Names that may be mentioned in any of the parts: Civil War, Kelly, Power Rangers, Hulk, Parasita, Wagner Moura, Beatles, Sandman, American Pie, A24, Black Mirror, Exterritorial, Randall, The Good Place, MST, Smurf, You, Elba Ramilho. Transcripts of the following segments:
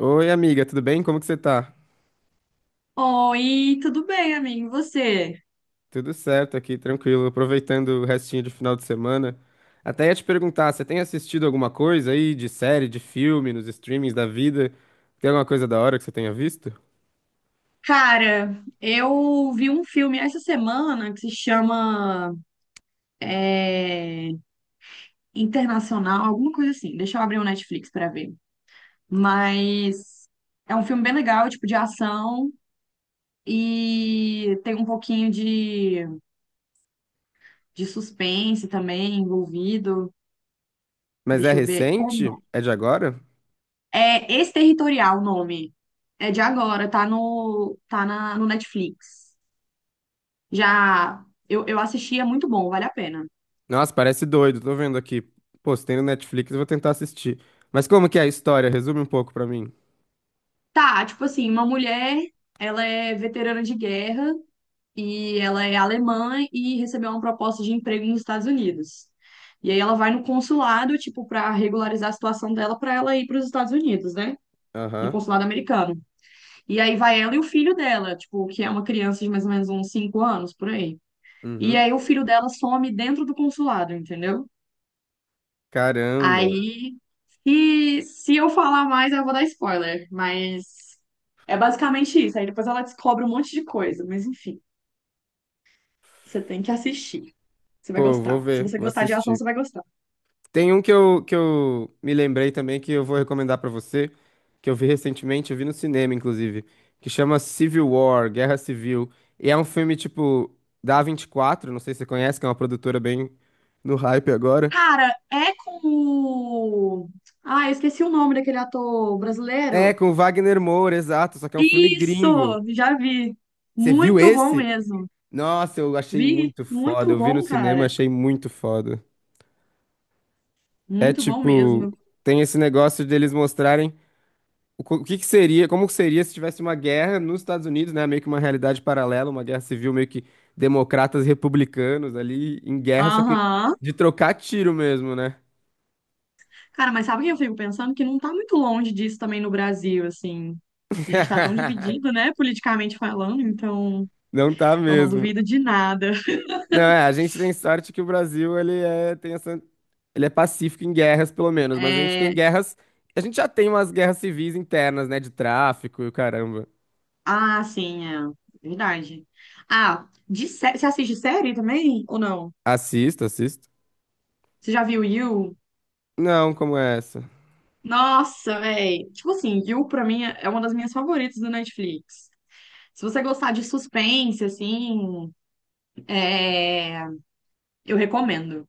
Oi, amiga, tudo bem? Como que você tá? Oi, tudo bem, amigo? E você? Tudo certo aqui, tranquilo, aproveitando o restinho de final de semana. Até ia te perguntar, você tem assistido alguma coisa aí de série, de filme, nos streamings da vida? Tem alguma coisa da hora que você tenha visto? Cara, eu vi um filme essa semana que se chama é, Internacional, alguma coisa assim. Deixa eu abrir o Netflix pra ver. Mas é um filme bem legal, tipo de ação e tem um pouquinho de suspense também envolvido. Mas é Deixa eu ver. Ou não. recente? É de agora? É Exterritorial o nome. É de agora, tá na, no Netflix. Já eu assisti, é muito bom, vale a pena. Nossa, parece doido, tô vendo aqui. Pô, se tem no Netflix, eu vou tentar assistir. Mas como que é a história? Resume um pouco pra mim. Tá, tipo assim, uma mulher, ela é veterana de guerra e ela é alemã e recebeu uma proposta de emprego nos Estados Unidos. E aí ela vai no consulado, tipo, pra regularizar a situação dela pra ela ir pros Estados Unidos, né? No Aham. consulado americano. E aí vai ela e o filho dela, tipo, que é uma criança de mais ou menos uns 5 anos, por aí. E Uhum. aí o filho dela some dentro do consulado, entendeu? Caramba. Aí e se eu falar mais, eu vou dar spoiler, mas é basicamente isso. Aí depois ela descobre um monte de coisa, mas enfim, você tem que assistir. Você vai Pô, vou gostar. Se ver, você vou gostar de ação, assistir. você vai gostar. Tem um que eu me lembrei também que eu vou recomendar pra você, que eu vi recentemente, eu vi no cinema, inclusive, que chama Civil War, Guerra Civil. E é um filme, tipo, da A24, não sei se você conhece, que é uma produtora bem no hype agora. Cara, é com o... Ah, eu esqueci o nome daquele ator É, brasileiro. com o Wagner Moura, exato, só que é um filme Isso, gringo. já vi. Você viu Muito bom esse? mesmo. Nossa, eu achei Vi, muito foda. muito Eu vi no bom, cinema, cara. achei muito foda. É Muito bom tipo, mesmo. tem esse negócio deles mostrarem. O que que seria, como seria se tivesse uma guerra nos Estados Unidos, né? Meio que uma realidade paralela, uma guerra civil meio que democratas e republicanos ali em guerra, só que Aham. de trocar tiro mesmo, né? Cara, mas sabe o que eu fico pensando? Que não tá muito longe disso também no Brasil, assim. A gente tá tão dividido, né, politicamente falando, então Não tá eu não mesmo. duvido de nada. Não, é, a gente tem sorte que o Brasil, ele é, tem essa, ele é pacífico em guerras, pelo menos, mas a gente tem É... guerras, a gente já tem umas guerras civis internas, né, de tráfico e o caramba. Ah, sim, é verdade. Ah, de sé... você assiste série também ou não? Assisto, assisto. Você já viu You? Não, como é essa? Nossa, véi. Tipo assim, You pra mim é uma das minhas favoritas do Netflix. Se você gostar de suspense, assim, é... eu recomendo.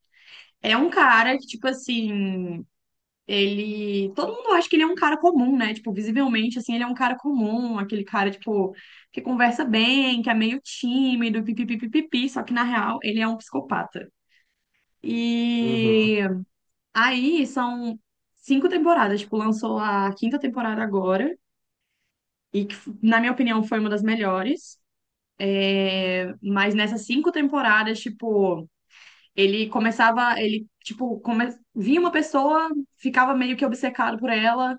É um cara que, tipo assim, ele. Todo mundo acha que ele é um cara comum, né? Tipo, visivelmente, assim, ele é um cara comum, aquele cara, tipo, que conversa bem, que é meio tímido, pipipipipi, só que na real ele é um psicopata. Uhum. E aí são cinco temporadas, tipo, lançou a quinta temporada agora, e que, na minha opinião, foi uma das melhores. É, mas nessas cinco temporadas, tipo, ele começava, via uma pessoa, ficava meio que obcecado por ela.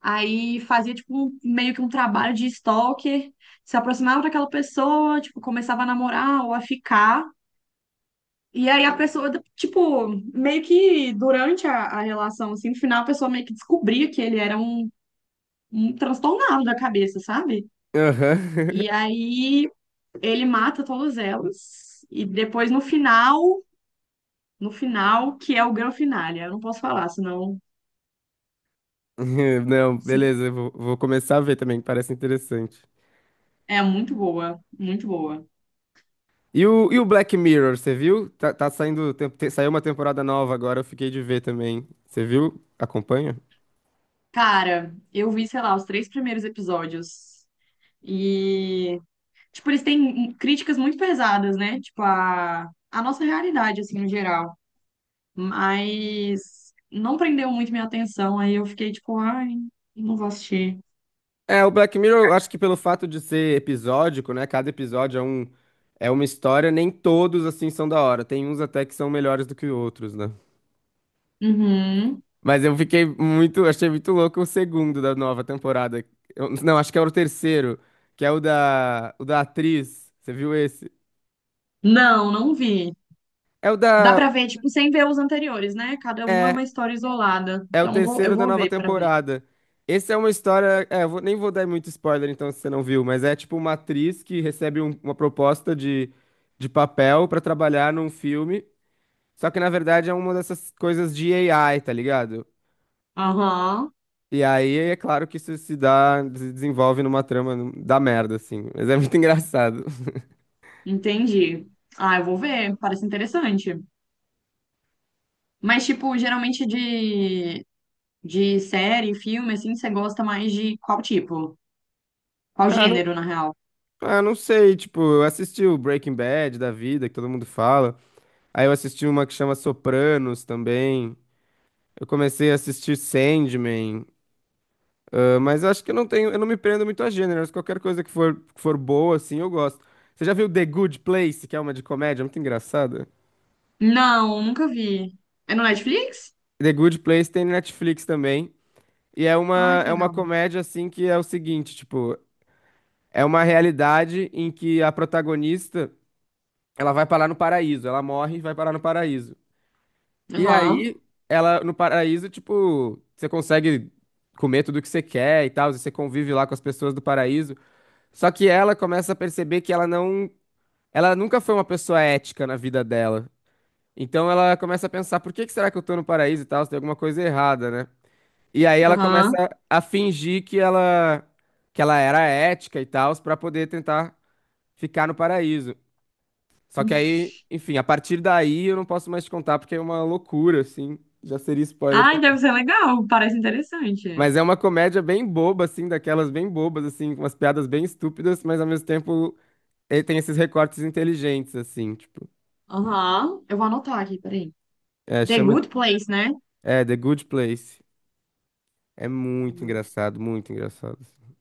Aí fazia, tipo, meio que um trabalho de stalker, se aproximava daquela pessoa, tipo, começava a namorar ou a ficar. E aí a pessoa, tipo, meio que durante a relação, assim, no final a pessoa meio que descobria que ele era um um transtornado da cabeça, sabe? E Aham. aí ele mata todas elas. E depois no final, no final, que é o grande finale. Eu não posso falar, senão. Não, se- beleza, eu vou, vou começar a ver também, que parece interessante. É muito boa, muito boa. E o Black Mirror, você viu? Tá, tá saindo, saiu uma temporada nova agora, eu fiquei de ver também. Você viu? Acompanha? Cara, eu vi, sei lá, os três primeiros episódios. E, tipo, eles têm críticas muito pesadas, né? Tipo, a nossa realidade, assim, no geral. Mas não prendeu muito minha atenção. Aí eu fiquei, tipo, ai, não vou assistir. É, o Black Mirror, eu acho que pelo fato de ser episódico, né? Cada episódio é um, é uma história, nem todos assim são da hora. Tem uns até que são melhores do que outros, né? Uhum. Mas eu fiquei muito, achei muito louco o segundo da nova temporada. Não, acho que é o terceiro, que é o da atriz. Você viu esse? Não, não vi. É o Dá da. pra ver, tipo, sem ver os anteriores, né? Cada um é É, uma história isolada. é o Então eu vou, eu terceiro da vou nova ver pra ver. temporada. Esse é uma história. É, nem vou dar muito spoiler, então, se você não viu, mas é tipo uma atriz que recebe uma proposta de papel pra trabalhar num filme. Só que, na verdade, é uma dessas coisas de AI, tá ligado? Aham, E aí é claro que isso se dá, se desenvolve numa trama da merda, assim. Mas é muito engraçado. entendi. Ah, eu vou ver, parece interessante. Mas, tipo, geralmente é de série, filme, assim, você gosta mais de qual tipo? Qual Ah, não, gênero, na real? ah, não sei, tipo, eu assisti o Breaking Bad da vida, que todo mundo fala. Aí eu assisti uma que chama Sopranos também. Eu comecei a assistir Sandman, ah, mas eu acho que eu não tenho, eu não me prendo muito a gêneros. Qualquer coisa que for boa, assim, eu gosto. Você já viu The Good Place, que é uma de comédia, muito engraçada? Não, nunca vi. É no Netflix? The Good Place tem no Netflix também, e Ai, que é uma legal. comédia, assim, que é o seguinte, tipo, é uma realidade em que a protagonista, ela vai parar no paraíso, ela morre e vai parar no paraíso. E Aham, aí, ela, no paraíso, tipo, você consegue comer tudo que você quer e tal, e você convive lá com as pessoas do paraíso. Só que ela começa a perceber que ela não, ela nunca foi uma pessoa ética na vida dela. Então ela começa a pensar, por que que será que eu tô no paraíso e tal? Se tem alguma coisa errada, né? E aí ela começa aham. a fingir que ela era ética e tal, pra poder tentar ficar no paraíso. Só que aí, enfim, a partir daí eu não posso mais te contar porque é uma loucura, assim. Já seria spoiler. Ai, deve Também. ser legal. Parece interessante. Mas é uma comédia bem boba, assim, daquelas bem bobas, assim, com umas piadas bem estúpidas, mas ao mesmo tempo ele tem esses recortes inteligentes, assim, tipo. Aham. Eu vou anotar aqui, peraí. É, The chama. Good Place, né? É, The Good Place. É muito engraçado, muito engraçado. Assim.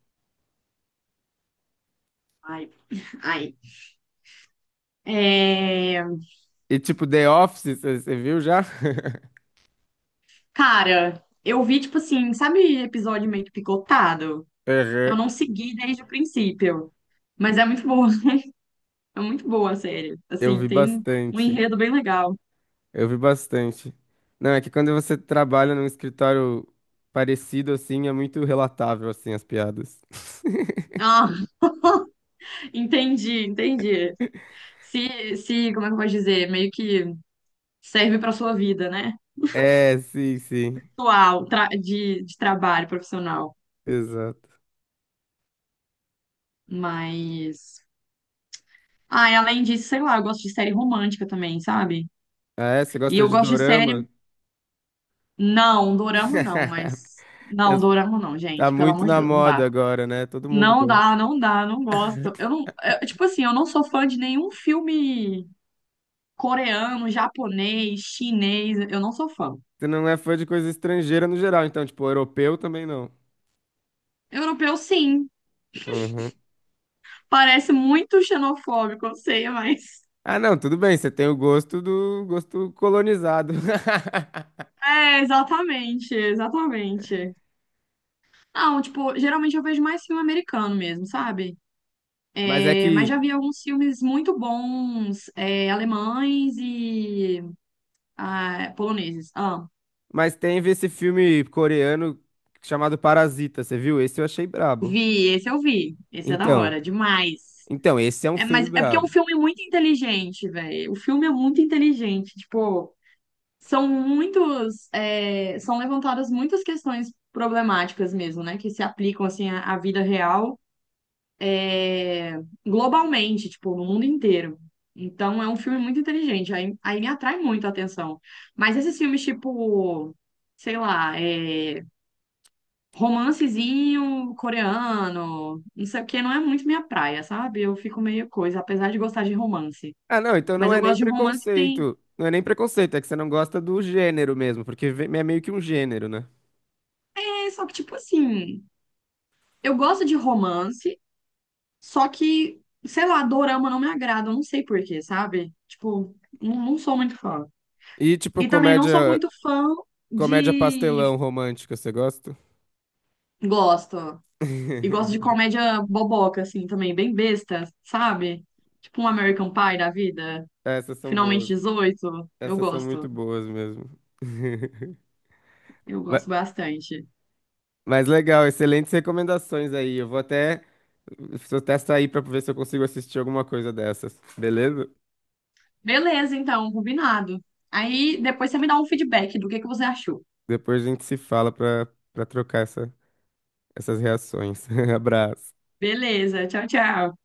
Ai, ai. É... E, tipo, The Office, você viu já? Cara, eu vi, tipo assim, sabe episódio meio que picotado? Eu Aham. não segui desde o princípio. Mas é muito bom. É muito boa a série. Eu Assim, vi tem um bastante. enredo bem legal. Eu vi bastante. Não, é que quando você trabalha num escritório parecido, assim, é muito relatável, assim, as piadas. Ah, entendi, entendi. Se, como é que eu posso dizer? Meio que serve para sua vida, né? É, sim, sim. Atual, de trabalho profissional. Exato. Mas. Ah, e além disso, sei lá, eu gosto de série romântica também, sabe? Ah, é? Você E gosta eu de gosto de série. dorama? Não, dorama não, mas. Que Não, as- dorama não, Tá gente. Pelo muito amor de na Deus, não dá. moda agora, né? Todo mundo Não dá, gosta. não dá, não gosto. Eu não. Tipo assim, eu não sou fã de nenhum filme coreano, japonês, chinês, eu não sou fã. Você não é fã de coisa estrangeira no geral, então, tipo, europeu também não. Europeu, sim. Uhum. Parece muito xenofóbico, eu sei, mas. Ah, não, tudo bem, você tem o gosto do gosto colonizado. É, exatamente, exatamente. Não, tipo, geralmente eu vejo mais filme americano mesmo, sabe? Mas é É, mas que. já vi alguns filmes muito bons, alemães e ah, poloneses. Ah, Mas teve esse filme coreano chamado Parasita, você viu? Esse eu achei brabo. vi, esse eu vi. Esse é da Então, hora, demais. então, esse é um É, filme mas é porque é um brabo. filme muito inteligente, velho. O filme é muito inteligente. Tipo, são muitos, são levantadas muitas questões problemáticas mesmo, né? Que se aplicam assim à vida real, é, globalmente, tipo, no mundo inteiro. Então é um filme muito inteligente, aí me atrai muito a atenção. Mas esses filmes, tipo, sei lá, romancezinho coreano, não sei o quê, não é muito minha praia, sabe? Eu fico meio coisa, apesar de gostar de romance. Ah, não, então Mas não eu é nem gosto de um romance que tem. preconceito. Não é nem preconceito, é que você não gosta do gênero mesmo, porque é meio que um gênero, né? É, só que, tipo assim, eu gosto de romance. Só que, sei lá, dorama não me agrada, eu não sei por quê, sabe? Tipo, não, não sou muito fã. E tipo, E também não sou comédia, muito fã Comédia de. pastelão romântica, você gosta? Gosto. E gosto de comédia boboca, assim, também, bem besta, sabe? Tipo um American Pie da vida. Essas são Finalmente boas. 18. Eu Essas são muito gosto. boas mesmo. Eu Ma- gosto bastante. Mas legal, excelentes recomendações aí. Vou até sair pra ver se eu consigo assistir alguma coisa dessas, beleza? Beleza, então, combinado. Aí depois você me dá um feedback do que você achou. Depois a gente se fala pra, pra trocar essa, essas reações. Abraço. Beleza, tchau, tchau.